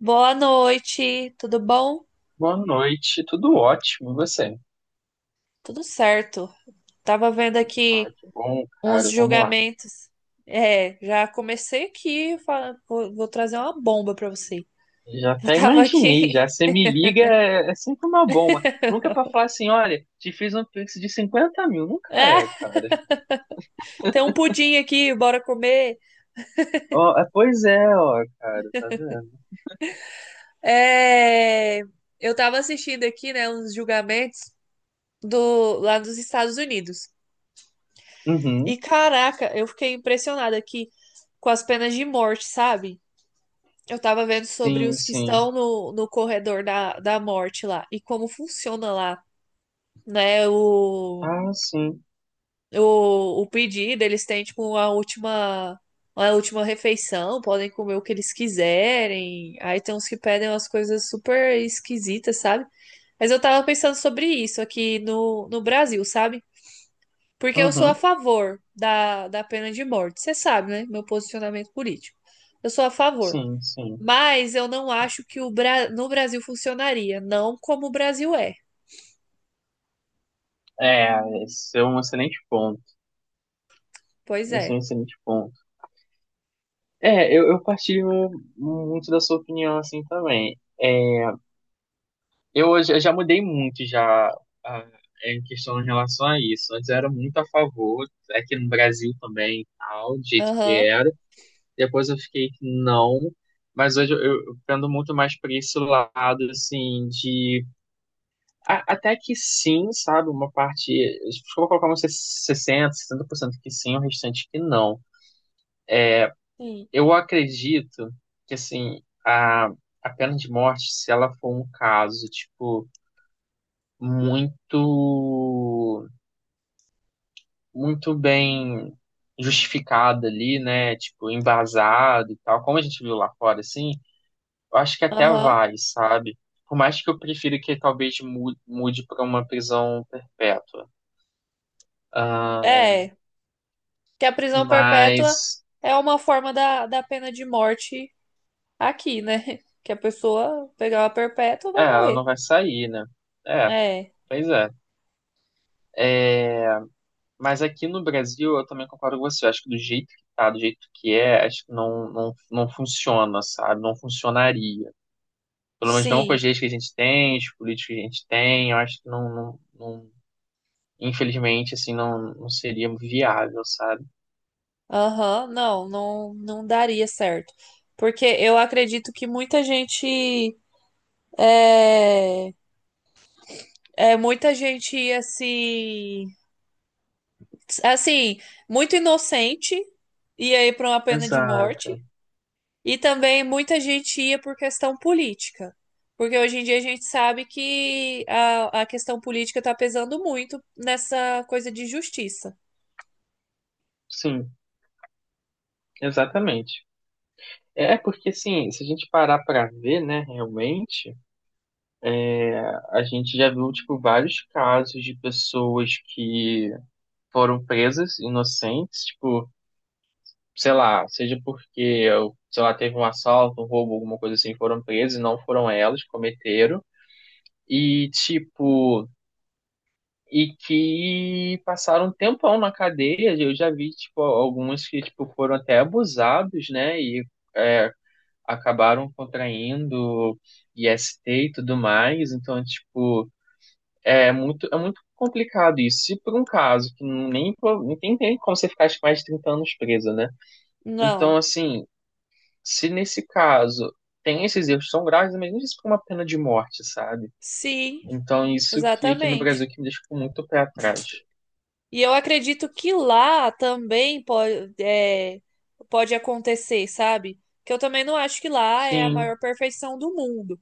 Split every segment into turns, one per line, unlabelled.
Boa noite, tudo bom?
Boa noite, tudo ótimo, e você?
Tudo certo. Tava vendo
Ah,
aqui
que bom,
uns
cara. Vamos lá.
julgamentos. Já comecei aqui, vou trazer uma bomba pra você.
Já
Eu
até
tava
imaginei,
aqui.
já. Você me liga, é sempre uma bomba. Nunca é pra falar assim, olha, te fiz um pix de 50 mil. Nunca
Ah,
é, cara.
tem um pudim aqui, bora comer.
Ó, é, pois é, ó, cara, tá vendo?
É, eu tava assistindo aqui, né, uns julgamentos do lá dos Estados Unidos.
Uhum,
E caraca, eu fiquei impressionada aqui com as penas de morte, sabe? Eu tava vendo sobre
sim,
os que
sim.
estão no corredor da morte lá e como funciona lá, né? O,
Ah, sim.
o, o pedido, eles têm tipo uma última refeição, podem comer o que eles quiserem. Aí tem uns que pedem umas coisas super esquisitas, sabe? Mas eu tava pensando sobre isso aqui no Brasil, sabe? Porque eu sou a
Uhum,
favor da pena de morte, você sabe, né? Meu posicionamento político. Eu sou a favor.
sim, sim.
Mas eu não acho que o no Brasil funcionaria. Não como o Brasil é.
É, esse é um excelente ponto.
Pois
Esse é um
é.
excelente ponto. É, eu partilho muito da sua opinião, assim, também. É, eu hoje eu já mudei muito já ah, em questão em relação a isso. Antes eu era muito a favor, aqui no Brasil também, e tal, do jeito que
Aham.
era. Depois eu fiquei que não, mas hoje eu pendo muito mais para esse lado assim de até que sim, sabe, uma parte, se for colocar uns sessenta por cento que sim, o restante que não.
Sim.
Eu acredito que assim, a pena de morte, se ela for um caso, tipo, muito muito bem justificada ali, né? Tipo, embasado e tal, como a gente viu lá fora, assim, eu acho que até
Aham.
vai, sabe? Por mais que eu prefira que talvez mude para uma prisão perpétua. Ah,
É. Que a prisão perpétua
mas,
é uma forma da pena de morte aqui, né? Que a pessoa pegar uma perpétua
é,
vai
ela não
morrer.
vai sair, né? É,
É.
pois é. É, mas aqui no Brasil, eu também concordo com você. Eu acho que do jeito que tá, do jeito que é, acho que não, não, não funciona, sabe? Não funcionaria. Pelo menos não com
Sim.
as leis que a gente tem, os políticos que a gente tem, eu acho que não, não, não- infelizmente, assim, não, não seria viável, sabe?
Aham. Não, não, não daria certo. Porque eu acredito que muita gente. É, muita gente ia se assim, muito inocente, ia ir para uma pena de
Exato.
morte, e também muita gente ia por questão política. Porque hoje em dia a gente sabe que a questão política está pesando muito nessa coisa de justiça.
Sim, exatamente. É porque, assim, se a gente parar pra ver, né, realmente, a gente já viu, tipo, vários casos de pessoas que foram presas inocentes, tipo, sei lá, seja porque, sei lá, teve um assalto, um roubo, alguma coisa assim, foram presas e não foram elas que cometeram. E, tipo, e que passaram um tempão na cadeia. Eu já vi, tipo, alguns que, tipo, foram até abusados, né? E é, acabaram contraindo IST e tudo mais. Então, tipo, é muito complicado isso. Se por um caso que nem tem como você ficar tipo, mais de 30 anos preso, né? Então,
Não.
assim, se nesse caso tem esses erros tão graves, mas não isso por uma pena de morte, sabe?
Sim,
Então, isso que aqui no
exatamente.
Brasil que me deixa muito pé atrás.
E eu acredito que lá também pode, é, pode acontecer, sabe? Que eu também não acho que lá é a
Sim,
maior perfeição do mundo.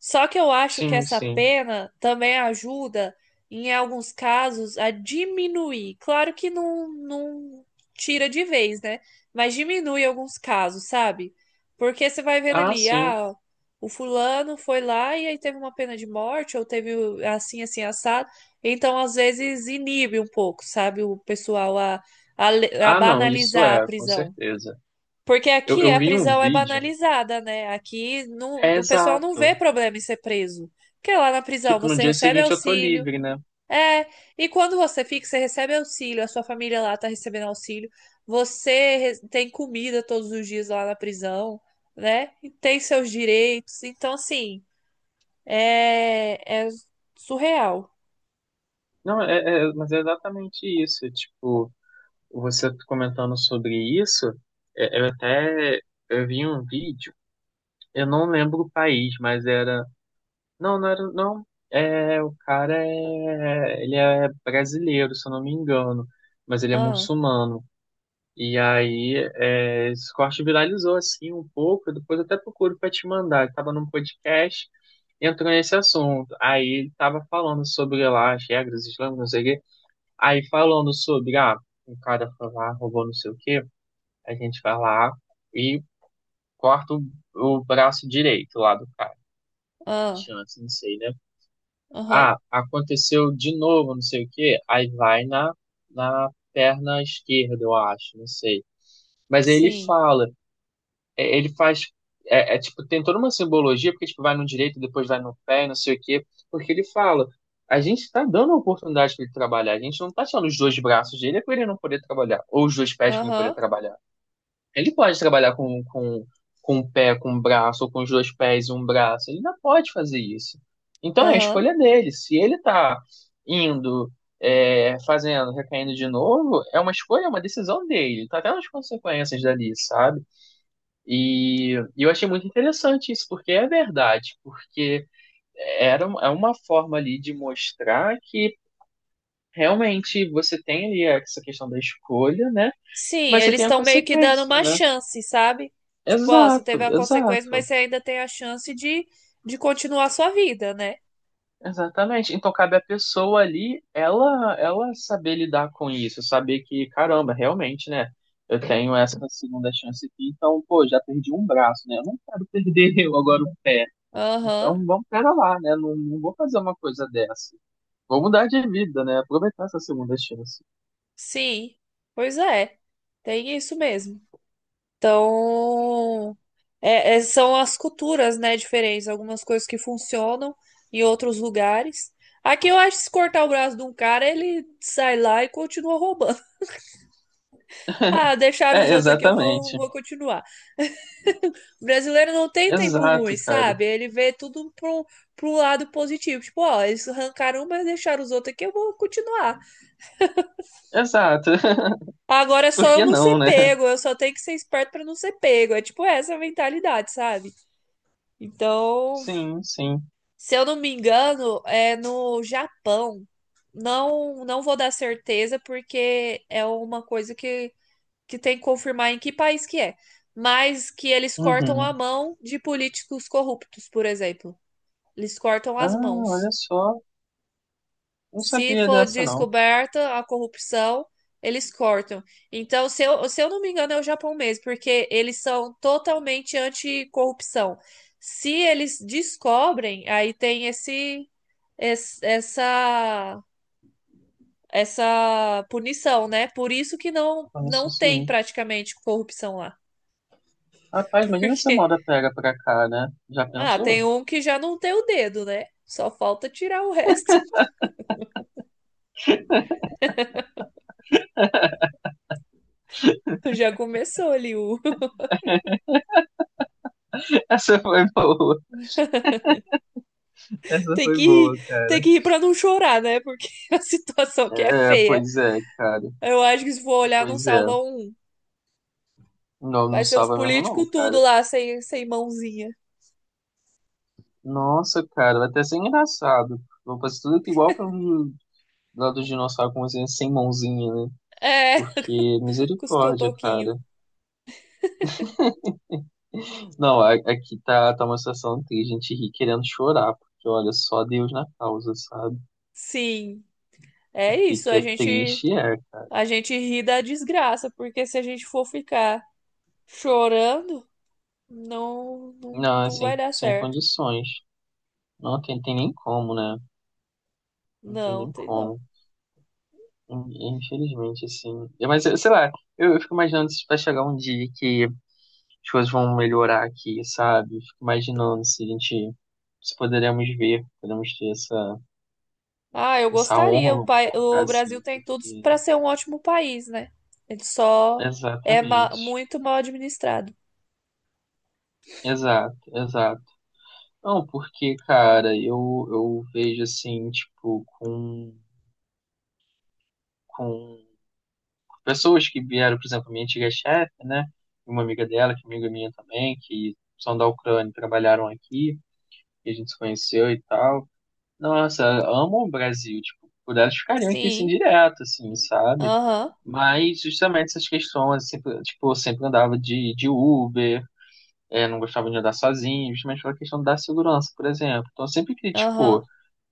Só que eu acho que
sim,
essa
sim.
pena também ajuda, em alguns casos, a diminuir. Claro que não, não tira de vez, né? Mas diminui alguns casos, sabe? Porque você vai vendo
Ah,
ali,
sim.
ah, o fulano foi lá e aí teve uma pena de morte, ou teve assim, assim, assado. Então, às vezes, inibe um pouco, sabe? O pessoal a, a
Ah, não, isso
banalizar a
é, com
prisão.
certeza.
Porque
Eu,
aqui
eu
a
vi um
prisão é
vídeo.
banalizada, né? Aqui não,
É
o pessoal não vê
exato.
problema em ser preso. Porque lá na prisão
Tipo, no
você
dia
recebe
seguinte eu tô
auxílio.
livre, né?
É, e quando você fica, você recebe auxílio, a sua família lá tá recebendo auxílio. Tem comida todos os dias lá na prisão, né? E tem seus direitos. Então, assim, é surreal.
Não, mas é exatamente isso. Tipo, você comentando sobre isso, eu até eu vi um vídeo, eu não lembro o país, mas era. Não, não era. Não. É, o cara é. Ele é brasileiro, se eu não me engano. Mas ele é
Ah,
muçulmano. E aí, esse corte viralizou assim um pouco. Eu Depois até procuro para te mandar. Estava num podcast, entrou nesse assunto. Aí ele estava falando sobre lá as regras islâmicas, não sei o quê. Aí falando sobre, o cara foi lá, roubou não sei o quê. A gente vai lá e corta o braço direito lá do cara. A
ah,
chance, não sei, né?
aham,
Ah, aconteceu de novo, não sei o quê. Aí vai na perna esquerda, eu acho, não sei. Mas aí ele
sim,
fala. Ele faz. É, tipo, tem toda uma simbologia, porque tipo, vai no direito, depois vai no pé, não sei o quê. Porque ele fala, a gente está dando a oportunidade para ele trabalhar, a gente não está tirando os dois braços dele é para ele não poder trabalhar, ou os dois pés para ele poder
aham,
trabalhar. Ele pode trabalhar com o pé, com o braço, ou com os dois pés e um braço, ele não pode fazer isso. Então é a
aham.
escolha dele. Se ele está indo, fazendo, recaindo de novo, é uma escolha, é uma decisão dele. Tá até nas consequências dali, sabe? E eu achei muito interessante isso, porque é verdade, porque é uma forma ali de mostrar que realmente você tem ali essa questão da escolha, né?
Sim,
Mas você
eles
tem a
estão meio que dando
consequência,
uma
né?
chance, sabe? Tipo, ó, você teve
Exato,
a consequência, mas
exato,
você ainda tem a chance de continuar a sua vida, né?
exatamente. Então cabe à pessoa ali, ela saber lidar com isso, saber que, caramba, realmente, né? Eu tenho essa segunda chance aqui, então, pô, já perdi um braço, né? Eu não quero perder agora o pé.
Aham,
Então, vamos pera lá, né? Não, não vou fazer uma coisa dessa. Vou mudar de vida, né? Aproveitar essa segunda chance.
sim. Pois é, tem isso mesmo. Então, são as culturas, né, diferentes. Algumas coisas que funcionam em outros lugares. Aqui eu acho que se cortar o braço de um cara, ele sai lá e continua roubando. Ah, deixaram
É,
os outros aqui, eu vou,
exatamente.
vou continuar. O brasileiro não tem tempo ruim,
Exato, cara.
sabe? Ele vê tudo pro, pro lado positivo. Tipo, ó, eles arrancaram um, mas deixaram os outros aqui, eu vou continuar.
Exato.
Agora é
Por
só eu
que
não ser
não, né?
pego, eu só tenho que ser esperto pra não ser pego. É tipo essa a mentalidade, sabe? Então,
Sim, sim.
se eu não me engano, é no Japão. Não, não vou dar certeza, porque é uma coisa que tem que confirmar em que país que é. Mas que eles cortam a
Uhum.
mão de políticos corruptos, por exemplo. Eles cortam
Ah,
as mãos.
olha só. Não
Se
sabia
for
dessa, não.
descoberta a corrupção, eles cortam. Então, se eu não me engano, é o Japão mesmo, porque eles são totalmente anticorrupção. Se eles descobrem, aí tem essa essa punição, né? Por isso que
Olha
não
só,
tem
sim.
praticamente corrupção lá,
Rapaz, imagina se a
porque
moda pega pra cá, né? Já
ah,
pensou?
tem um que já não tem o dedo, né? Só falta tirar o resto. Já começou ali o
Essa foi boa. Essa
tem que
foi boa,
rir, tem
cara.
que rir pra não chorar, né? Porque a situação que é
É,
feia.
pois é, cara.
Eu acho que se for olhar, não
Pois é.
salva um.
Não,
Vai
não
ser os
salva mesmo, não,
políticos tudo
cara.
lá, sem, sem mãozinha.
Nossa, cara, vai até ser engraçado. Vou fazer tudo que igual foi um lá do dinossauro como assim, sem mãozinha, né?
É,
Porque,
com os
misericórdia,
cotoquinhos.
cara. Não, aqui tá uma situação triste, a gente ri querendo chorar, porque olha, só Deus na causa, sabe?
Sim,
O
é
que
isso.
que é triste é, cara.
A gente ri da desgraça, porque se a gente for ficar chorando, não, não,
Não, é
não
sem,
vai dar
sem
certo.
condições. Não tem nem como, né? Não tem
Não,
nem
tem não.
como. Infelizmente, assim. É, mas, sei lá, eu fico imaginando se vai chegar um dia que as coisas vão melhorar aqui, sabe? Fico imaginando se a gente, se poderemos ver, poderemos ter essa
Ah, eu
Essa honra,
gostaria. O,
vamos
pai,
colocar
o Brasil
assim,
tem tudo
porque.
pra ser um ótimo país, né? Ele só é
Exatamente.
muito mal administrado.
Exato, exato. Não, porque, cara, eu vejo assim, tipo, com, pessoas que vieram, por exemplo, minha antiga chefe, né? E uma amiga dela, que é amiga minha também, que são da Ucrânia, e trabalharam aqui, e a gente se conheceu e tal. Nossa, amam o Brasil, tipo, por elas ficariam aqui assim
Sim,
direto, assim, sabe?
aham,
Mas justamente essas questões, sempre, tipo, eu sempre andava de Uber não gostava de andar sozinho, justamente pela questão da segurança, por exemplo. Então sempre
aham.
criticou.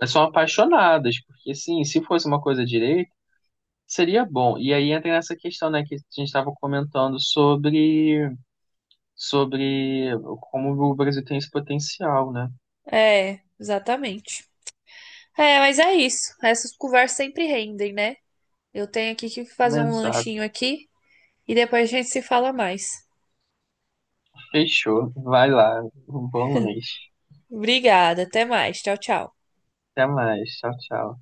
Mas são apaixonadas, porque sim, se fosse uma coisa direita, seria bom. E aí entra nessa questão, né, que a gente estava comentando sobre como o Brasil tem esse potencial, né?
É, exatamente. É, mas é isso. Essas conversas sempre rendem, né? Eu tenho aqui que fazer um
Exato.
lanchinho aqui e depois a gente se fala mais.
Fechou. Vai lá. Um bom lanche.
Obrigada, até mais. Tchau, tchau.
Até mais. Tchau, tchau.